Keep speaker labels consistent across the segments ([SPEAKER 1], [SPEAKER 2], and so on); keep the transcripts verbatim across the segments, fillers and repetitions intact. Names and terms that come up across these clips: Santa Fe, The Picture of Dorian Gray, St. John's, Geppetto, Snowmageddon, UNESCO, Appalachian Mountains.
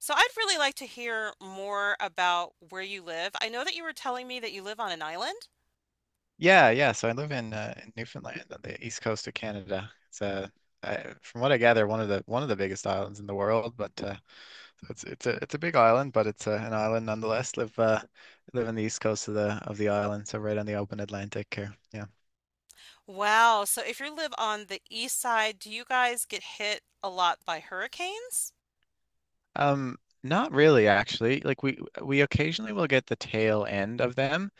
[SPEAKER 1] So I'd really like to hear more about where you live. I know that you were telling me that you live on an island.
[SPEAKER 2] Yeah, yeah. So I live in uh, in Newfoundland on the east coast of Canada. It's uh, I, from what I gather, one of the one of the biggest islands in the world. But uh, so it's it's a it's a big island, but it's uh, an island nonetheless. Live uh, live on the east coast of the of the island, so right on the open Atlantic here. Yeah.
[SPEAKER 1] Wow. So if you live on the east side, do you guys get hit a lot by hurricanes?
[SPEAKER 2] Um, Not really, actually. Like we we occasionally will get the tail end of them,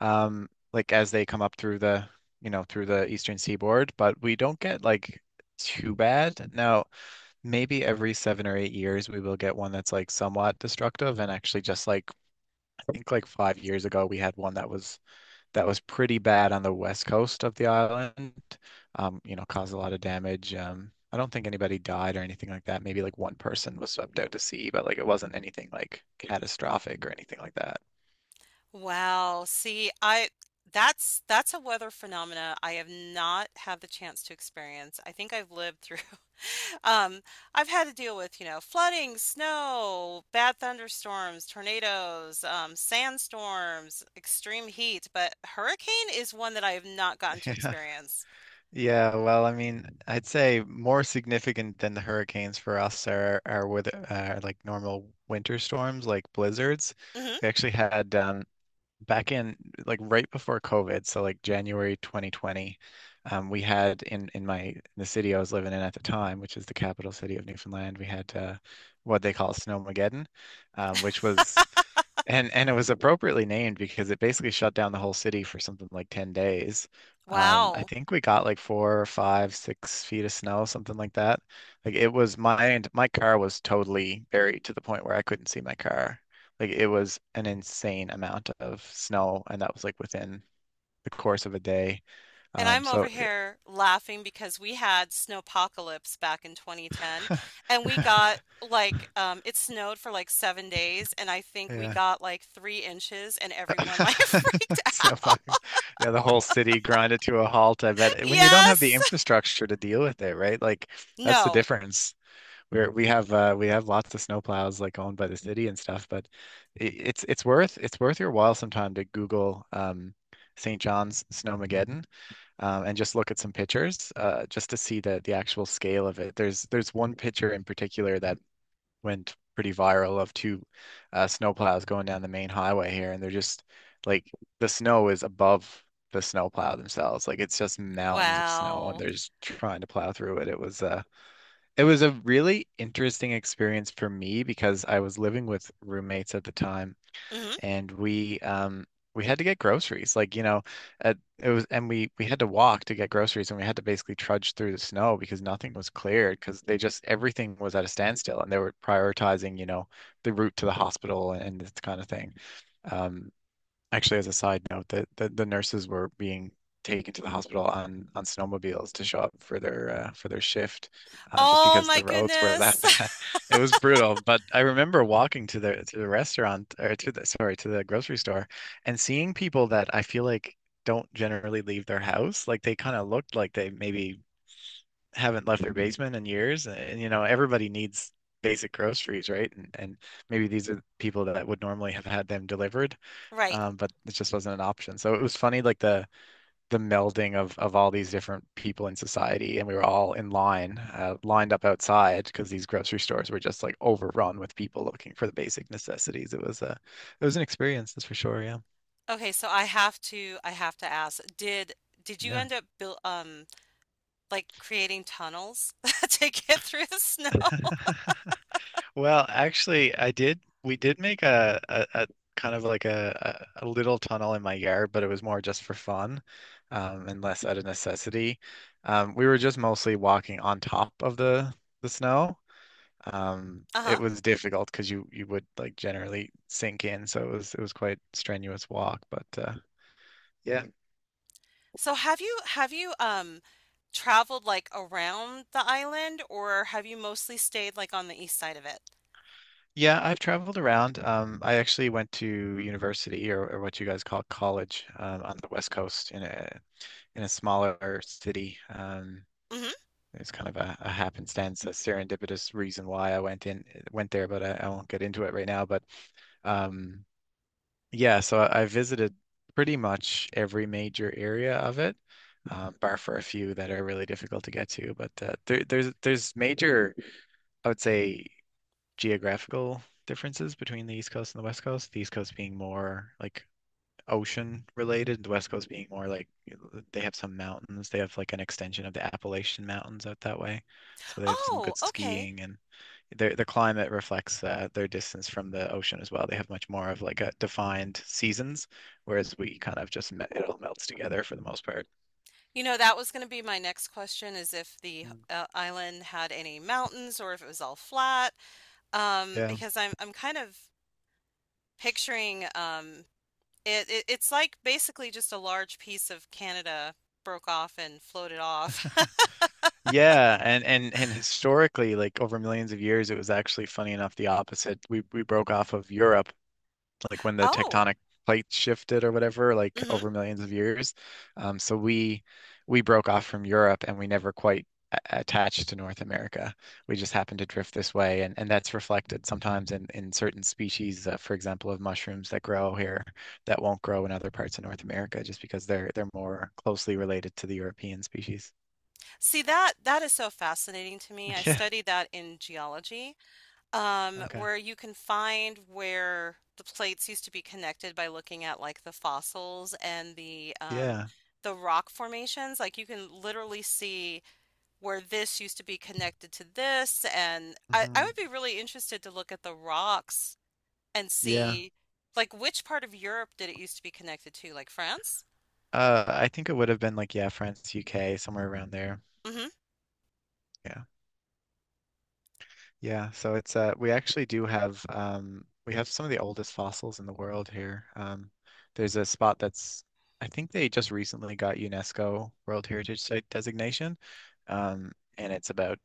[SPEAKER 2] um, like as they come up through the you know through the eastern seaboard, but we don't get like too bad. Now, maybe every seven or eight years we will get one that's like somewhat destructive. And actually, just like I think like five years ago, we had one that was that was pretty bad on the west coast of the island. Um, you know, caused a lot of damage. Um, I don't think anybody died or anything like that. Maybe like one person was swept out to sea, but like it wasn't anything like catastrophic or anything like that.
[SPEAKER 1] Wow. See, I that's that's a weather phenomena I have not had the chance to experience. I think I've lived through. Um, I've had to deal with, you know, flooding, snow, bad thunderstorms, tornadoes, um, sandstorms, extreme heat, but hurricane is one that I have not gotten to
[SPEAKER 2] Yeah.
[SPEAKER 1] experience.
[SPEAKER 2] Yeah, well, I mean, I'd say more significant than the hurricanes for us are are with uh, like normal winter storms, like blizzards.
[SPEAKER 1] Hmm.
[SPEAKER 2] We actually had um, back in like right before COVID, so like January twenty twenty, um, we had in in my in the city I was living in at the time, which is the capital city of Newfoundland. We had uh, what they call Snowmageddon, um, which was and and it was appropriately named because it basically shut down the whole city for something like ten days. Um, I
[SPEAKER 1] Wow.
[SPEAKER 2] think we got like four or five, six feet of snow, something like that. Like it was my my car was totally buried to the point where I couldn't see my car. Like it was an insane amount of snow, and that was like within the course of a day.
[SPEAKER 1] And
[SPEAKER 2] Um,
[SPEAKER 1] I'm over
[SPEAKER 2] so it-
[SPEAKER 1] here laughing because we had snowpocalypse back in twenty ten, and we got like um it snowed for like seven days, and I think we
[SPEAKER 2] yeah.
[SPEAKER 1] got like three inches, and everyone like freaked out.
[SPEAKER 2] Snowpocalypse. Yeah, the whole city grinded to a halt. I bet when you don't have the
[SPEAKER 1] Yes.
[SPEAKER 2] infrastructure to deal with it, right? Like that's the
[SPEAKER 1] No.
[SPEAKER 2] difference. Where we have uh, we have lots of snowplows like owned by the city and stuff, but it, it's it's worth it's worth your while sometime to Google um, Saint John's Snowmageddon, um, and just look at some pictures uh, just to see the the actual scale of it. There's there's one picture in particular that went pretty viral of two uh, snowplows going down the main highway here, and they're just like the snow is above the snowplow themselves. Like it's just mountains of snow, and
[SPEAKER 1] Wow.
[SPEAKER 2] they're just trying to plow through it. It was uh, it was a really interesting experience for me because I was living with roommates at the time, and we um we had to get groceries. Like, you know, at, it was and we we had to walk to get groceries, and we had to basically trudge through the snow because nothing was cleared because they just everything was at a standstill, and they were prioritizing, you know, the route to the hospital and this kind of thing. Um, Actually, as a side note, that the, the nurses were being taken to the hospital on on snowmobiles to show up for their uh, for their shift, uh, just
[SPEAKER 1] Oh
[SPEAKER 2] because
[SPEAKER 1] my
[SPEAKER 2] the roads were that
[SPEAKER 1] goodness.
[SPEAKER 2] bad. It was brutal. But I remember walking to the to the restaurant or to the sorry to the grocery store and seeing people that I feel like don't generally leave their house. Like they kind of looked like they maybe haven't left their basement in years. And you know, everybody needs basic groceries, right? And and maybe these are people that would normally have had them delivered,
[SPEAKER 1] Right.
[SPEAKER 2] um, but it just wasn't an option. So it was funny, like the the melding of of all these different people in society, and we were all in line, uh, lined up outside because these grocery stores were just like overrun with people looking for the basic necessities. It was a it was an experience, that's for sure. Yeah.
[SPEAKER 1] Okay, so I have to I have to ask, did did you
[SPEAKER 2] Yeah.
[SPEAKER 1] end up build um like creating tunnels to get through the snow?
[SPEAKER 2] Well, actually, I did. We did make a, a, a kind of like a, a a little tunnel in my yard, but it was more just for fun, um, and less out of necessity. Um, we were just mostly walking on top of the the snow. Um,
[SPEAKER 1] Uh-huh.
[SPEAKER 2] it was difficult because you you would like generally sink in, so it was it was quite strenuous walk. But uh, yeah,
[SPEAKER 1] So have you have you um traveled like around the island, or have you mostly stayed like on the east side of it?
[SPEAKER 2] yeah, I've traveled around. Um, I actually went to university, or, or what you guys call college, um, on the West Coast in a in a smaller city. Um,
[SPEAKER 1] Hmm.
[SPEAKER 2] it was kind of a, a happenstance, a serendipitous reason why I went in went there, but I, I won't get into it right now. But um, yeah, so I, I visited pretty much every major area of it, um, bar for a few that are really difficult to get to. But uh, there, there's there's major, I would say, geographical differences between the East Coast and the West Coast. The East Coast being more like ocean related, the West Coast being more like they have some mountains. They have like an extension of the Appalachian Mountains out that way. So they have some
[SPEAKER 1] Oh,
[SPEAKER 2] good
[SPEAKER 1] okay.
[SPEAKER 2] skiing, and their their climate reflects uh, their distance from the ocean as well. They have much more of like a defined seasons, whereas we kind of just me- it all melts together for the most part.
[SPEAKER 1] You know, that was going to be my next question, is if the
[SPEAKER 2] Mm.
[SPEAKER 1] uh, island had any mountains or if it was all flat. Um,
[SPEAKER 2] Yeah.
[SPEAKER 1] because I'm I'm kind of picturing. Um It, it it's like basically just a large piece of Canada broke off and floated off.
[SPEAKER 2] Yeah, and and and historically like over millions of years it was actually funny enough the opposite. We we broke off of Europe like when the
[SPEAKER 1] Oh.
[SPEAKER 2] tectonic plates shifted or whatever, like
[SPEAKER 1] Hmm.
[SPEAKER 2] over millions of years. Um, so we we broke off from Europe, and we never quite a- attached to North America. We just happened to drift this way, and, and that's reflected sometimes in, in certain species, uh, for example, of mushrooms that grow here that won't grow in other parts of North America just because they're they're more closely related to the European species.
[SPEAKER 1] See, that that is so fascinating to me. I
[SPEAKER 2] Yeah.
[SPEAKER 1] studied that in geology, um,
[SPEAKER 2] Okay.
[SPEAKER 1] where you can find where the plates used to be connected by looking at like the fossils and the um,
[SPEAKER 2] Yeah.
[SPEAKER 1] the rock formations. Like you can literally see where this used to be connected to this, and I, I
[SPEAKER 2] Hmm.
[SPEAKER 1] would be really interested to look at the rocks and
[SPEAKER 2] Yeah.
[SPEAKER 1] see like which part of Europe did it used to be connected to, like France?
[SPEAKER 2] Uh, I think it would have been like, yeah, France, U K, somewhere around there.
[SPEAKER 1] Hmm.
[SPEAKER 2] Yeah. Yeah, so it's uh we actually do have um we have some of the oldest fossils in the world here. Um there's a spot that's I think they just recently got UNESCO World Heritage Site designation. Um and it's about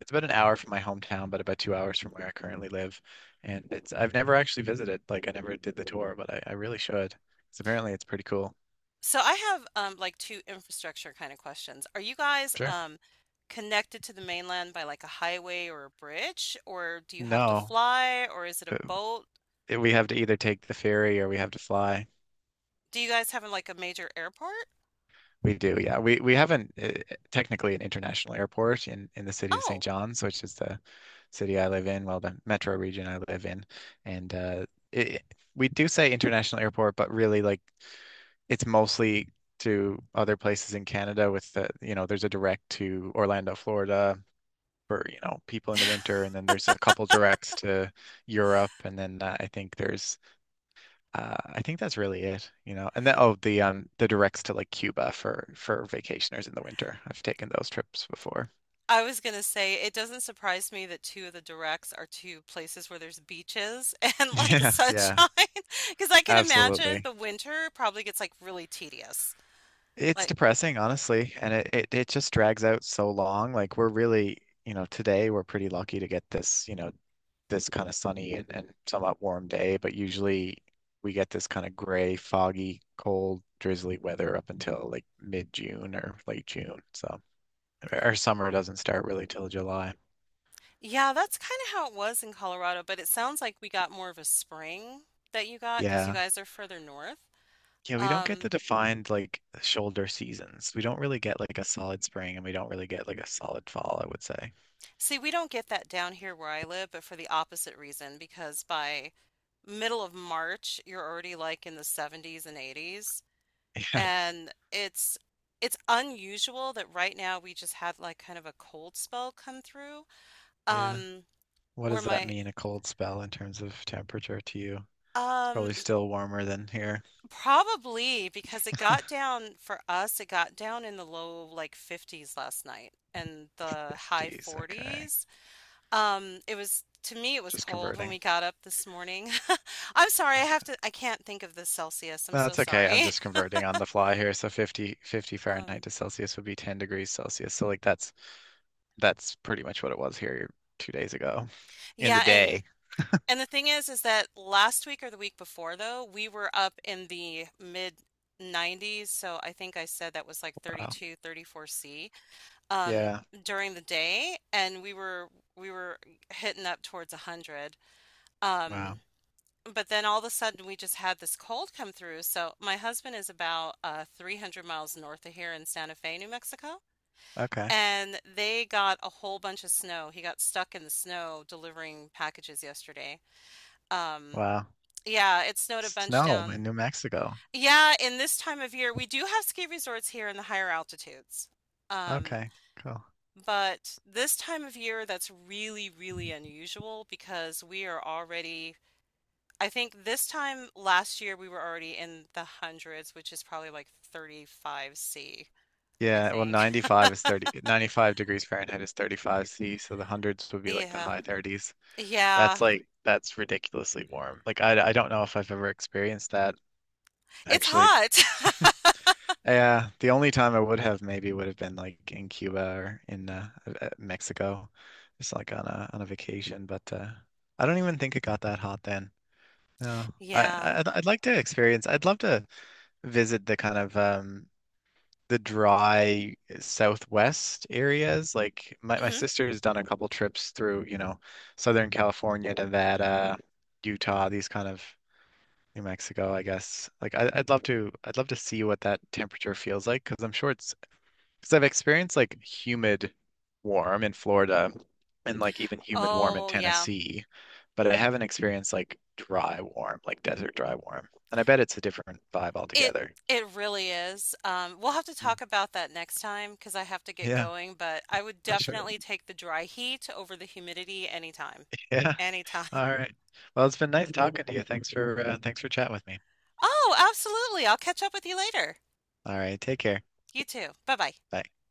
[SPEAKER 2] it's about an hour from my hometown, but about two hours from where I currently live. And it's I've never actually visited, like I never did the tour, but I, I really should. 'Cause apparently it's pretty cool.
[SPEAKER 1] So I have um like two infrastructure kind of questions. Are you guys
[SPEAKER 2] Sure.
[SPEAKER 1] um connected to the mainland by like a highway or a bridge, or do you have to
[SPEAKER 2] No,
[SPEAKER 1] fly, or is it a
[SPEAKER 2] uh,
[SPEAKER 1] boat?
[SPEAKER 2] we have to either take the ferry, or we have to fly.
[SPEAKER 1] Do you guys have like a major airport?
[SPEAKER 2] We do, yeah. We we have not uh, technically an international airport in in the city of Saint
[SPEAKER 1] Oh,
[SPEAKER 2] John's, which is the city I live in, well, the metro region I live in, and uh, it, we do say international airport, but really like it's mostly to other places in Canada. With the you know, there's a direct to Orlando, Florida, for, you know, people in the winter, and then there's a couple directs to Europe, and then uh, I think there's uh, I think that's really it, you know. And then oh, the um the directs to like Cuba for for vacationers in the winter. I've taken those trips before.
[SPEAKER 1] I was gonna say it doesn't surprise me that two of the directs are two places where there's beaches and like
[SPEAKER 2] Yeah,
[SPEAKER 1] sunshine,
[SPEAKER 2] yeah,
[SPEAKER 1] because I can imagine
[SPEAKER 2] absolutely.
[SPEAKER 1] the winter probably gets like really tedious.
[SPEAKER 2] It's depressing, honestly, and it, it it just drags out so long. Like we're really, you know, today we're pretty lucky to get this, you know, this kind of sunny and, and somewhat warm day, but usually we get this kind of gray, foggy, cold, drizzly weather up until like mid-June or late June. So our summer doesn't start really till July.
[SPEAKER 1] Yeah, that's kinda how it was in Colorado, but it sounds like we got more of a spring that you got because you
[SPEAKER 2] Yeah.
[SPEAKER 1] guys are further north.
[SPEAKER 2] Yeah, we don't get the
[SPEAKER 1] Um,
[SPEAKER 2] defined like shoulder seasons. We don't really get like a solid spring, and we don't really get like a solid fall, I would say.
[SPEAKER 1] See, we don't get that down here where I live, but for the opposite reason, because by middle of March, you're already like in the seventies and eighties.
[SPEAKER 2] Yeah.
[SPEAKER 1] And it's it's unusual that right now we just had like kind of a cold spell come through.
[SPEAKER 2] Yeah.
[SPEAKER 1] Um,
[SPEAKER 2] What
[SPEAKER 1] where
[SPEAKER 2] does that
[SPEAKER 1] my
[SPEAKER 2] mean, a cold spell in terms of temperature to you? It's
[SPEAKER 1] um
[SPEAKER 2] probably still warmer than here.
[SPEAKER 1] Probably because it got down, for us it got down in the low like fifties last night and the high
[SPEAKER 2] fifties. Okay.
[SPEAKER 1] forties. Um, it was, to me it was
[SPEAKER 2] Just
[SPEAKER 1] cold when
[SPEAKER 2] converting.
[SPEAKER 1] we got up this morning. I'm sorry, I have
[SPEAKER 2] Okay.
[SPEAKER 1] to I can't think of the Celsius. I'm
[SPEAKER 2] No,
[SPEAKER 1] so
[SPEAKER 2] that's okay. I'm
[SPEAKER 1] sorry.
[SPEAKER 2] just converting on the fly here. So fifty, fifty
[SPEAKER 1] Um,
[SPEAKER 2] Fahrenheit to Celsius would be ten degrees Celsius. So like that's that's pretty much what it was here two days ago in the
[SPEAKER 1] yeah, and
[SPEAKER 2] day.
[SPEAKER 1] And the thing is, is that last week or the week before, though, we were up in the mid nineties. So I think I said that was like
[SPEAKER 2] Wow.
[SPEAKER 1] thirty-two, thirty-four c um,
[SPEAKER 2] Yeah.
[SPEAKER 1] during the day, and we were we were hitting up towards a hundred. Um,
[SPEAKER 2] Wow.
[SPEAKER 1] but then all of a sudden, we just had this cold come through. So my husband is about uh, three hundred miles north of here in Santa Fe, New Mexico.
[SPEAKER 2] Okay.
[SPEAKER 1] And they got a whole bunch of snow. He got stuck in the snow delivering packages yesterday. Um,
[SPEAKER 2] Wow.
[SPEAKER 1] yeah, it snowed a bunch
[SPEAKER 2] Snow in
[SPEAKER 1] down.
[SPEAKER 2] New Mexico.
[SPEAKER 1] Yeah, in this time of year, we do have ski resorts here in the higher altitudes. Um,
[SPEAKER 2] Okay, cool.
[SPEAKER 1] but this time of year, that's really, really unusual because we are already, I think this time last year, we were already in the hundreds, which is probably like thirty-five c, I
[SPEAKER 2] Yeah, well,
[SPEAKER 1] think.
[SPEAKER 2] ninety-five is thirty, ninety-five degrees Fahrenheit is thirty-five C, so the hundreds would be like the
[SPEAKER 1] Yeah.
[SPEAKER 2] high thirties. That's
[SPEAKER 1] Yeah.
[SPEAKER 2] like, that's ridiculously warm. Like, I, I don't know if I've ever experienced that
[SPEAKER 1] It's
[SPEAKER 2] actually.
[SPEAKER 1] hot.
[SPEAKER 2] Yeah, the only time I would have maybe would have been like in Cuba or in uh, uh, Mexico, just like on a on a vacation. But uh, I don't even think it got that hot then. No, I,
[SPEAKER 1] Yeah.
[SPEAKER 2] I I'd, I'd like to experience. I'd love to visit the kind of um the dry southwest areas. Like my, my
[SPEAKER 1] Hmm.
[SPEAKER 2] sister has done a couple trips through, you know, Southern California, Nevada, Utah, these kind of New Mexico, I guess. Like I, I'd love to, I'd love to see what that temperature feels like because I'm sure it's because I've experienced like humid warm in Florida, and like even humid warm in
[SPEAKER 1] Oh, yeah.
[SPEAKER 2] Tennessee, but I haven't experienced like dry warm, like desert dry warm. And I bet it's a different vibe
[SPEAKER 1] It
[SPEAKER 2] altogether.
[SPEAKER 1] it really is. Um, we'll have to
[SPEAKER 2] Mm.
[SPEAKER 1] talk about that next time because I have to get
[SPEAKER 2] Yeah,
[SPEAKER 1] going, but I would
[SPEAKER 2] I'm sure.
[SPEAKER 1] definitely take the dry heat over the humidity anytime.
[SPEAKER 2] Yeah.
[SPEAKER 1] Anytime.
[SPEAKER 2] All right. Well, it's been nice talking to you. Thanks for uh, thanks for chatting with me.
[SPEAKER 1] Oh, absolutely. I'll catch up with you later.
[SPEAKER 2] All right. Take care.
[SPEAKER 1] You too. Bye bye.
[SPEAKER 2] Bye.